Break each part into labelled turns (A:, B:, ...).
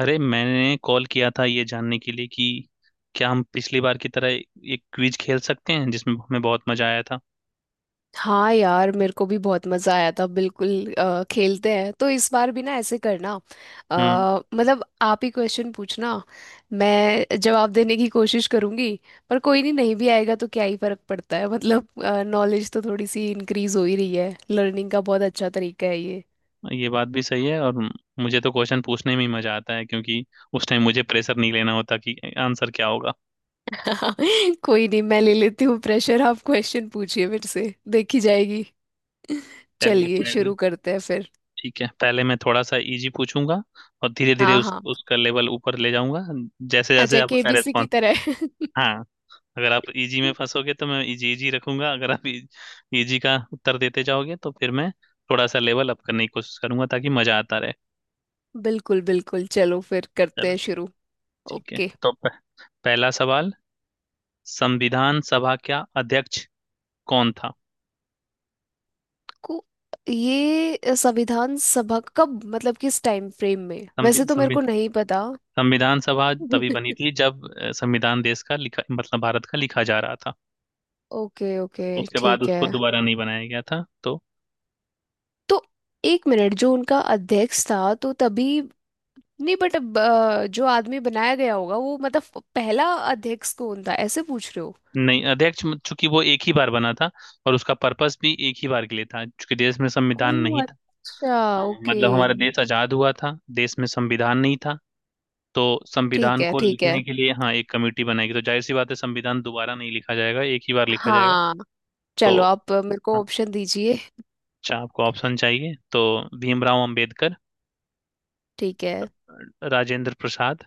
A: अरे मैंने कॉल किया था ये जानने के लिए कि क्या हम पिछली बार की तरह एक क्विज खेल सकते हैं जिसमें हमें बहुत मजा आया था।
B: हाँ यार, मेरे को भी बहुत मजा आया था। बिल्कुल, खेलते हैं। तो इस बार भी ना ऐसे करना। अ,
A: हम्म।
B: मतलब आप ही क्वेश्चन पूछना, मैं जवाब देने की कोशिश करूंगी। पर कोई नहीं, नहीं भी आएगा तो क्या ही फर्क पड़ता है मतलब नॉलेज तो थोड़ी सी इंक्रीज हो ही रही है, लर्निंग का बहुत अच्छा तरीका है ये।
A: ये बात भी सही है। और मुझे तो क्वेश्चन पूछने में ही मजा आता है, क्योंकि उस टाइम मुझे प्रेशर नहीं लेना होता कि आंसर क्या होगा।
B: कोई नहीं, मैं ले लेती हूँ प्रेशर। आप क्वेश्चन पूछिए मेरे से, देखी जाएगी।
A: चलिए
B: चलिए
A: पहले।
B: शुरू करते हैं फिर।
A: ठीक है, पहले मैं थोड़ा सा इजी पूछूंगा, और धीरे धीरे
B: हाँ
A: उस
B: हाँ।
A: उसका लेवल ऊपर ले जाऊंगा, जैसे जैसे
B: अच्छा,
A: आपका
B: केबीसी की
A: रेस्पॉन्स।
B: तरह।
A: हाँ। अगर आप इजी में फंसोगे तो मैं इजी इजी रखूंगा, अगर आप इजी का उत्तर देते जाओगे तो फिर मैं थोड़ा सा लेवल अप करने की कोशिश करूंगा ताकि मजा आता रहे।
B: बिल्कुल बिल्कुल, चलो फिर करते
A: चलो।
B: हैं शुरू।
A: ठीक है,
B: ओके।
A: तो पहला सवाल। संविधान सभा का अध्यक्ष कौन था?
B: को। ये संविधान सभा कब, मतलब किस टाइम फ्रेम में? वैसे
A: संवि,
B: तो मेरे
A: संवि,
B: को नहीं पता।
A: संविधान सभा तभी बनी थी जब संविधान देश का लिखा, मतलब भारत का लिखा जा रहा था।
B: ओके ओके,
A: उसके बाद
B: ठीक है।
A: उसको दोबारा नहीं बनाया गया था, तो
B: तो एक मिनट, जो उनका अध्यक्ष था तो तभी। नहीं, बट अब जो आदमी बनाया गया होगा वो, मतलब पहला अध्यक्ष कौन था, ऐसे पूछ रहे हो?
A: नहीं, अध्यक्ष चूंकि वो एक ही बार बना था, और उसका पर्पस भी एक ही बार के लिए था, चूंकि देश में
B: ओ
A: संविधान नहीं।
B: अच्छा,
A: हाँ,
B: ओके।
A: मतलब हमारा देश आजाद हुआ था, देश में संविधान नहीं था। तो
B: ठीक
A: संविधान
B: है,
A: को
B: ठीक है।
A: लिखने के लिए, हाँ, एक कमेटी बनाएगी, तो जाहिर सी बात है संविधान दोबारा नहीं लिखा जाएगा, एक ही बार लिखा जाएगा।
B: हाँ।
A: तो
B: चलो, आप मेरे को ऑप्शन दीजिए।
A: अच्छा, आपको ऑप्शन चाहिए तो — भीमराव अंबेडकर,
B: ठीक है।
A: राजेंद्र प्रसाद,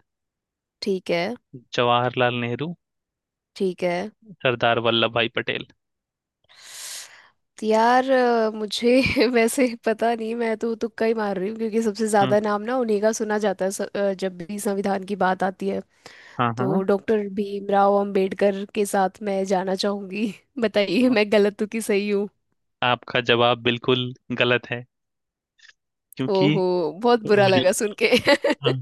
B: ठीक है।
A: जवाहरलाल नेहरू,
B: ठीक है।
A: सरदार वल्लभ भाई पटेल।
B: तो यार, मुझे वैसे पता नहीं, मैं तो तुक्का ही मार रही हूँ क्योंकि सबसे
A: हम्म।
B: ज्यादा नाम ना उन्हीं का सुना जाता है। जब भी संविधान की बात आती है
A: हाँ,
B: तो
A: हाँ।
B: डॉक्टर भीमराव अंबेडकर के साथ मैं जाना चाहूंगी। बताइए मैं गलत हूँ कि सही हूँ।
A: आपका जवाब बिल्कुल गलत है, क्योंकि
B: ओहो, बहुत बुरा
A: मुझे —
B: लगा सुन के।
A: हाँ,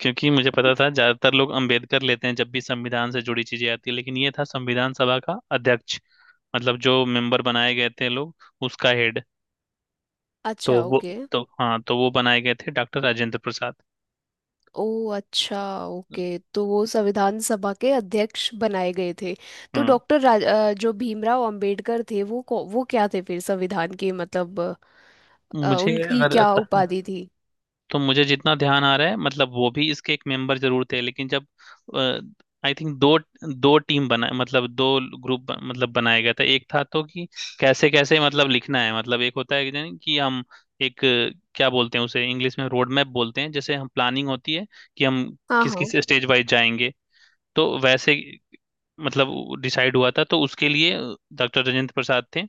A: क्योंकि मुझे पता था ज्यादातर लोग अंबेडकर लेते हैं जब भी संविधान से जुड़ी चीजें आती है, लेकिन ये था संविधान सभा का अध्यक्ष, मतलब जो मेंबर बनाए गए थे लोग, उसका हेड।
B: अच्छा,
A: तो वो —
B: ओके।
A: तो हाँ, तो वो बनाए गए थे डॉक्टर राजेंद्र प्रसाद।
B: ओ अच्छा, ओके। तो वो संविधान सभा के अध्यक्ष बनाए गए थे। तो
A: हम्म।
B: डॉक्टर जो भीमराव अंबेडकर थे, वो वो क्या थे फिर संविधान के, मतलब
A: मुझे
B: उनकी
A: अगर —
B: क्या उपाधि थी?
A: तो मुझे जितना ध्यान आ रहा है, मतलब वो भी इसके एक मेंबर जरूर थे, लेकिन जब — आई थिंक दो दो टीम बना, मतलब दो ग्रुप मतलब बनाया गया था। एक था तो कि कैसे कैसे मतलब लिखना है, मतलब एक होता है कि नहीं कि हम एक, क्या बोलते हैं उसे, इंग्लिश में रोड मैप बोलते हैं, जैसे हम प्लानिंग होती है कि हम
B: हाँ
A: किस
B: हाँ।
A: किस स्टेज वाइज जाएंगे। तो वैसे मतलब डिसाइड हुआ था, तो उसके लिए डॉक्टर राजेंद्र प्रसाद थे,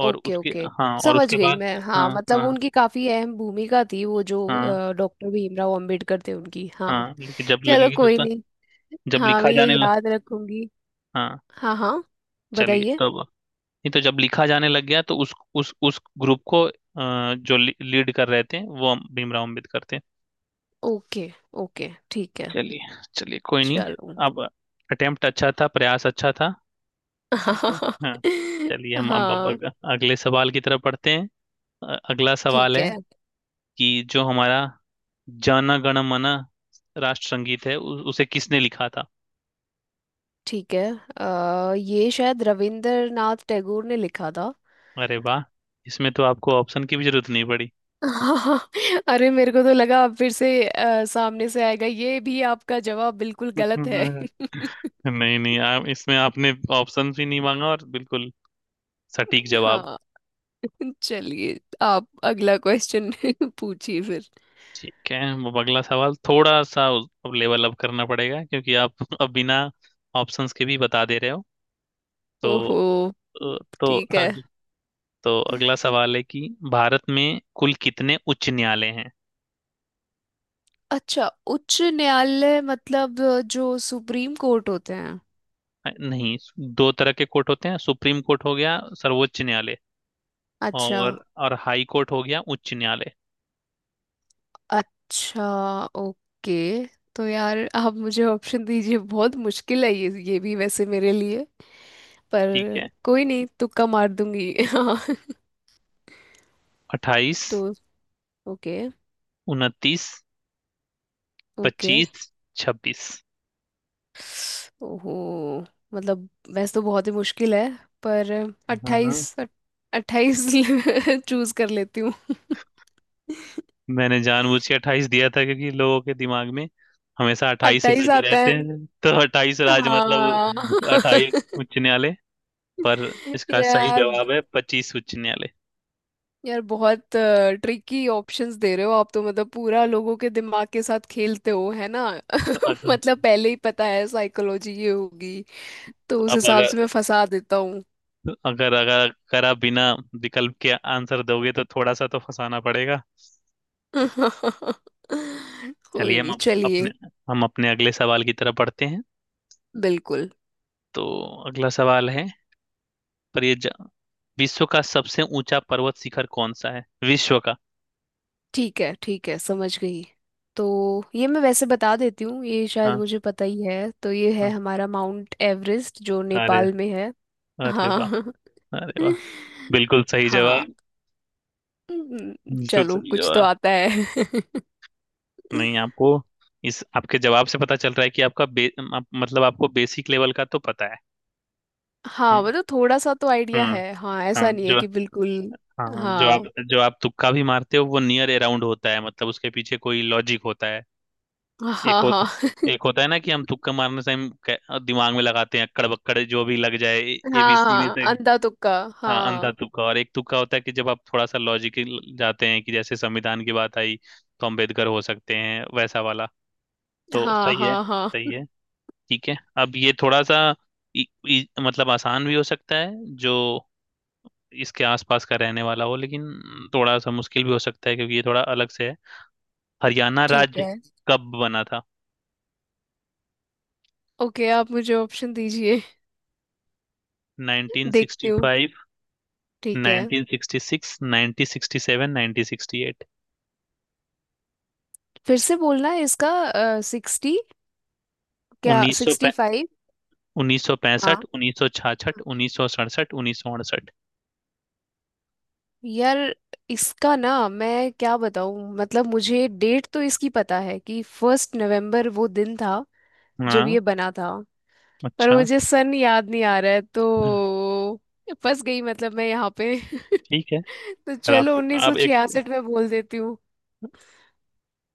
A: और
B: ओके
A: उसके —
B: ओके,
A: हाँ, और
B: समझ
A: उसके
B: गई
A: बाद।
B: मैं।
A: हाँ,
B: हाँ, मतलब
A: हाँ।
B: उनकी काफी अहम भूमिका थी, वो जो
A: हाँ,
B: डॉक्टर भीमराव अंबेडकर थे उनकी, हाँ।
A: हाँ। लेकिन
B: चलो कोई नहीं।
A: जब
B: हाँ,
A: लिखा
B: मैं ये
A: जाने लग —
B: याद रखूंगी।
A: हाँ।
B: हाँ हाँ।
A: चलिए
B: बताइए।
A: तब। नहीं, तो जब लिखा जाने लग गया तो उस ग्रुप को, जो लीड कर रहे थे, वो हम भीमराव अम्बेडकर थे।
B: ओके ओके, ठीक है।
A: चलिए, चलिए, कोई नहीं।
B: चलो।
A: अब अटेम्प्ट अच्छा था, प्रयास अच्छा था। ठीक है। हाँ। चलिए, हम
B: हाँ,
A: अगले सवाल की तरफ बढ़ते हैं। अगला सवाल
B: ठीक
A: है
B: है।
A: कि जो हमारा जन गण मन राष्ट्र संगीत है, उसे किसने लिखा था?
B: ठीक है, ये शायद रविंद्रनाथ टैगोर ने लिखा था।
A: अरे वाह। इसमें तो आपको ऑप्शन की भी जरूरत नहीं पड़ी।
B: हाँ, अरे मेरे को तो लगा आप फिर से सामने से आएगा, ये भी आपका जवाब बिल्कुल गलत है।
A: नहीं, नहीं, इसमें आपने ऑप्शन भी नहीं मांगा और बिल्कुल सटीक जवाब।
B: हाँ। चलिए आप अगला क्वेश्चन पूछिए फिर।
A: ठीक है, अब अगला सवाल थोड़ा सा — अब लेवल अप करना पड़ेगा, क्योंकि आप अब बिना ऑप्शंस के भी बता दे रहे हो। तो
B: ओहो,
A: अ, तो
B: ठीक है।
A: अग, तो अगला सवाल है कि भारत में कुल कितने उच्च न्यायालय हैं?
B: अच्छा, उच्च न्यायालय मतलब जो सुप्रीम कोर्ट होते हैं?
A: नहीं, दो तरह के कोर्ट होते हैं — सुप्रीम कोर्ट हो गया सर्वोच्च न्यायालय,
B: अच्छा।
A: और हाई कोर्ट हो गया उच्च न्यायालय।
B: अच्छा, ओके। तो यार, आप मुझे ऑप्शन दीजिए, बहुत मुश्किल है ये भी वैसे मेरे लिए।
A: ठीक
B: पर
A: है।
B: कोई नहीं, तुक्का मार दूंगी। हाँ।
A: अट्ठाईस,
B: तो ओके।
A: उनतीस,
B: ओके।
A: पच्चीस, छब्बीस।
B: ओहो, मतलब वैसे तो बहुत ही मुश्किल है। पर 28। 28 चूज कर लेती हूँ।
A: मैंने जानबूझ के अट्ठाईस दिया था, क्योंकि लोगों के दिमाग में हमेशा अट्ठाईस
B: 28
A: राज्य
B: आता
A: रहते
B: है,
A: हैं, तो अट्ठाईस राज्य
B: हाँ।
A: मतलब अट्ठाईस उच्च न्यायालय। पर इसका सही
B: यार,
A: जवाब है पच्चीस उच्च न्यायालय।
B: यार बहुत ट्रिकी ऑप्शंस दे रहे हो आप तो, मतलब पूरा लोगों के दिमाग के साथ खेलते हो है ना।
A: अगर
B: मतलब पहले ही पता है साइकोलॉजी ये होगी, तो उस
A: अब
B: हिसाब से मैं
A: अगर
B: फंसा देता हूँ।
A: अगर अगर अगर आप बिना विकल्प के आंसर दोगे तो थोड़ा सा तो फंसाना पड़ेगा।
B: कोई
A: चलिए, हम
B: नहीं,
A: अप- अपने
B: चलिए।
A: हम अपने अगले सवाल की तरफ बढ़ते हैं।
B: बिल्कुल।
A: तो अगला सवाल है, पर ये जा- विश्व का सबसे ऊंचा पर्वत शिखर कौन सा है, विश्व का?
B: ठीक है, ठीक है, समझ गई। तो ये मैं वैसे बता देती हूँ, ये शायद
A: हाँ।
B: मुझे पता ही है। तो ये है
A: हाँ
B: हमारा माउंट एवरेस्ट जो
A: अरे
B: नेपाल में है।
A: अरे वाह
B: हाँ।
A: अरे वाह बिल्कुल सही
B: हाँ।
A: जवाब बिल्कुल
B: चलो
A: सही
B: कुछ तो
A: जवाब
B: आता है।
A: नहीं आपको इस आपके जवाब से पता चल रहा है कि आपका बे, आप, मतलब आपको बेसिक लेवल का तो पता है
B: हाँ,
A: हम्म
B: मतलब थोड़ा सा तो आइडिया
A: हम्म
B: है, हाँ।
A: हाँ
B: ऐसा नहीं है
A: जो
B: कि बिल्कुल।
A: हाँ
B: हाँ
A: जो आप तुक्का भी मारते हो वो नियर अराउंड होता है मतलब उसके पीछे कोई लॉजिक होता है एक
B: हाँ हाँ।
A: होता एक होता है ना कि हम तुक्का मारने से हम कै- दिमाग में लगाते हैं अक्कड़ बक्कड़ जो भी लग जाए
B: हाँ
A: एबीसी में
B: हाँ,
A: से
B: अंधा तुक्का,
A: हाँ अंधा
B: हाँ।
A: तुक्का और एक तुक्का होता है कि जब आप थोड़ा सा लॉजिक जाते हैं कि जैसे संविधान की बात आई तो अम्बेडकर हो सकते हैं वैसा वाला तो
B: हाँ हाँ
A: सही
B: हाँ।
A: है ठीक है अब ये थोड़ा सा इ, इ, मतलब आसान भी हो सकता है जो इसके आसपास का रहने वाला हो लेकिन थोड़ा सा मुश्किल भी हो सकता है क्योंकि ये थोड़ा अलग से है हरियाणा
B: ठीक
A: राज्य
B: है।
A: कब बना था
B: ओके, आप मुझे ऑप्शन दीजिए। देखती हूँ।
A: 1965
B: ठीक है।
A: 1966 1967 1968
B: फिर से बोलना है इसका? 60? क्या
A: उन्नीस सौ
B: 65?
A: उन्नीस सौ पैंसठ
B: हाँ।
A: उन्नीस सौ छाछठ उन्नीस सौ सड़सठ उन्नीस सौ अड़सठ
B: यार इसका ना मैं क्या बताऊँ, मतलब मुझे डेट तो इसकी पता है कि 1 नवंबर वो दिन था जब
A: हाँ
B: ये बना था। पर
A: अच्छा
B: मुझे सन याद नहीं आ रहा है, तो फंस गई मतलब मैं यहाँ पे।
A: ठीक है
B: तो
A: पर
B: चलो, उन्नीस सौ
A: आप एक
B: छियासठ में बोल देती हूँ।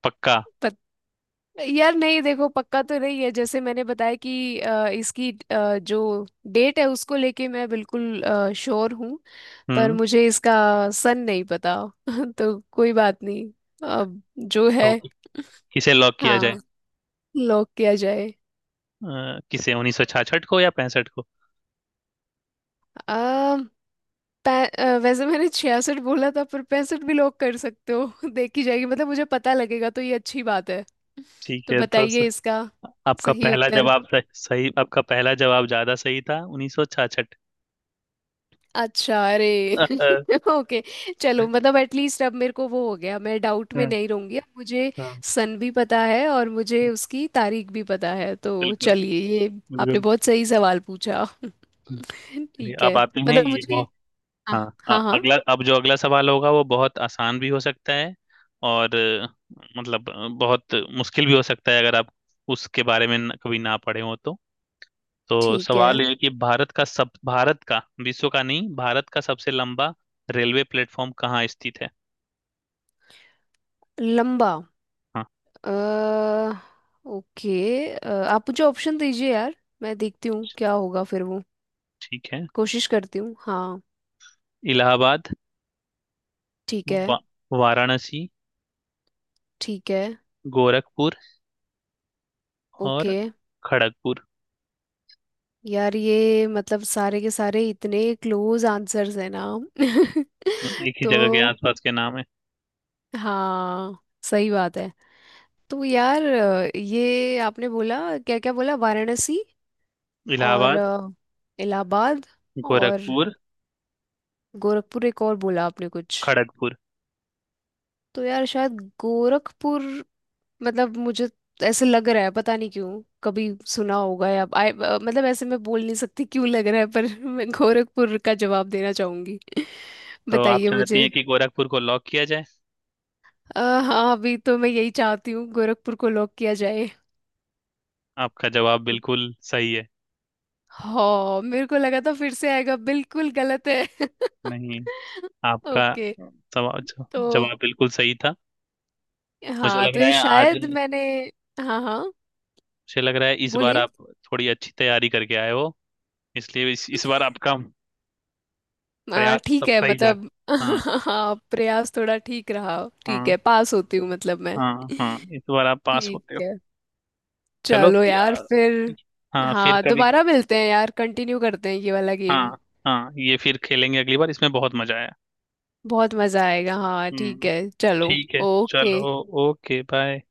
A: पक्का
B: यार नहीं, देखो पक्का तो नहीं है। जैसे मैंने बताया कि इसकी, जो डेट है उसको लेके मैं बिल्कुल श्योर हूँ। पर
A: हम्म
B: मुझे इसका सन नहीं पता। तो कोई बात नहीं। अब जो है,
A: टॉपिक किसे लॉक किया जाए
B: हाँ, लॉक किया जाए।
A: अ, किसे उन्नीस सौ छाछठ को या पैंसठ को
B: आ, वैसे मैंने छियासठ बोला था पर पैंसठ भी लॉक कर सकते हो। देखी जाएगी, मतलब मुझे पता लगेगा तो ये अच्छी बात है।
A: ठीक
B: तो
A: है तो स,
B: बताइए इसका
A: आपका
B: सही
A: पहला
B: उत्तर।
A: जवाब सही, सही आपका पहला जवाब ज्यादा सही था उन्नीस सौ छाछठ
B: अच्छा, अरे। ओके, चलो। मतलब एटलीस्ट अब मेरे को वो हो गया, मैं डाउट में
A: बिल्कुल
B: नहीं रहूंगी। अब मुझे सन भी पता है और मुझे उसकी तारीख भी पता है। तो चलिए, ये आपने
A: बिल्कुल
B: बहुत सही सवाल पूछा।
A: चलिए
B: ठीक
A: अब
B: है।
A: आते हैं
B: मतलब
A: ये
B: मुझे,
A: बहुत
B: हाँ।
A: हाँ अ-
B: हाँ हाँ,
A: अगला अब जो अगला सवाल होगा वो बहुत आसान भी हो सकता है और अ, मतलब अ, बहुत मुश्किल भी हो सकता है अगर आप उसके बारे में न- कभी ना पढ़े हो तो
B: ठीक है।
A: सवाल यह है कि भारत का सब भारत का विश्व का नहीं भारत का सबसे लंबा रेलवे प्लेटफॉर्म कहाँ स्थित है
B: लंबा।
A: हाँ
B: अ, ओके, आप मुझे ऑप्शन दीजिए यार, मैं देखती हूँ क्या होगा फिर वो।
A: ठीक है।
B: कोशिश करती हूँ, हाँ।
A: इलाहाबाद,
B: ठीक है।
A: वा, वाराणसी,
B: ठीक है।
A: गोरखपुर, और
B: ओके।
A: खड़गपुर।
B: यार ये मतलब सारे के सारे इतने क्लोज आंसर्स है ना।
A: एक ही
B: तो
A: जगह के आसपास के नाम है।
B: हाँ, सही बात है। तो यार, ये आपने बोला क्या? क्या बोला, वाराणसी? और
A: इलाहाबाद,
B: इलाहाबाद? और
A: गोरखपुर,
B: गोरखपुर? एक और बोला आपने कुछ?
A: खड़गपुर।
B: तो यार शायद गोरखपुर, मतलब मुझे ऐसे लग रहा है, पता नहीं क्यों, कभी सुना होगा या मतलब ऐसे मैं बोल नहीं सकती क्यों लग रहा है। पर मैं गोरखपुर का जवाब देना चाहूंगी।
A: तो आप
B: बताइए
A: चाहती
B: मुझे।
A: हैं कि गोरखपुर को लॉक किया जाए?
B: हाँ, अभी तो मैं यही चाहती हूँ, गोरखपुर को लॉक किया जाए।
A: आपका जवाब बिल्कुल सही है।
B: हाँ, मेरे को लगा था फिर से आएगा बिल्कुल गलत है।
A: नहीं, आपका
B: ओके।
A: सवाल
B: तो
A: जवाब बिल्कुल सही था। मुझे
B: हाँ,
A: लग
B: तो
A: रहा
B: ये
A: है आज —
B: शायद मैंने। हाँ हाँ।
A: मुझे लग रहा है इस बार
B: बोलिए।
A: आप थोड़ी अच्छी तैयारी करके आए हो, इसलिए इस बार आपका प्रयास
B: ठीक
A: सब
B: है,
A: सही जा —
B: मतलब
A: हाँ,
B: हाँ, प्रयास थोड़ा ठीक रहा। ठीक
A: हाँ।
B: है, पास होती हूँ मतलब मैं।
A: हाँ, हाँ, इस बार आप पास
B: ठीक
A: होते हो।
B: है।
A: चलो
B: चलो यार
A: यार।
B: फिर।
A: हाँ, फिर
B: हाँ,
A: कभी।
B: दोबारा मिलते हैं यार, कंटिन्यू करते हैं ये वाला गेम।
A: हाँ, हाँ, ये फिर खेलेंगे अगली बार। इसमें बहुत मजा आया।
B: बहुत मजा आएगा, हाँ, ठीक
A: हम्म।
B: है, चलो।
A: ठीक है।
B: ओके।
A: चलो। Okay, bye.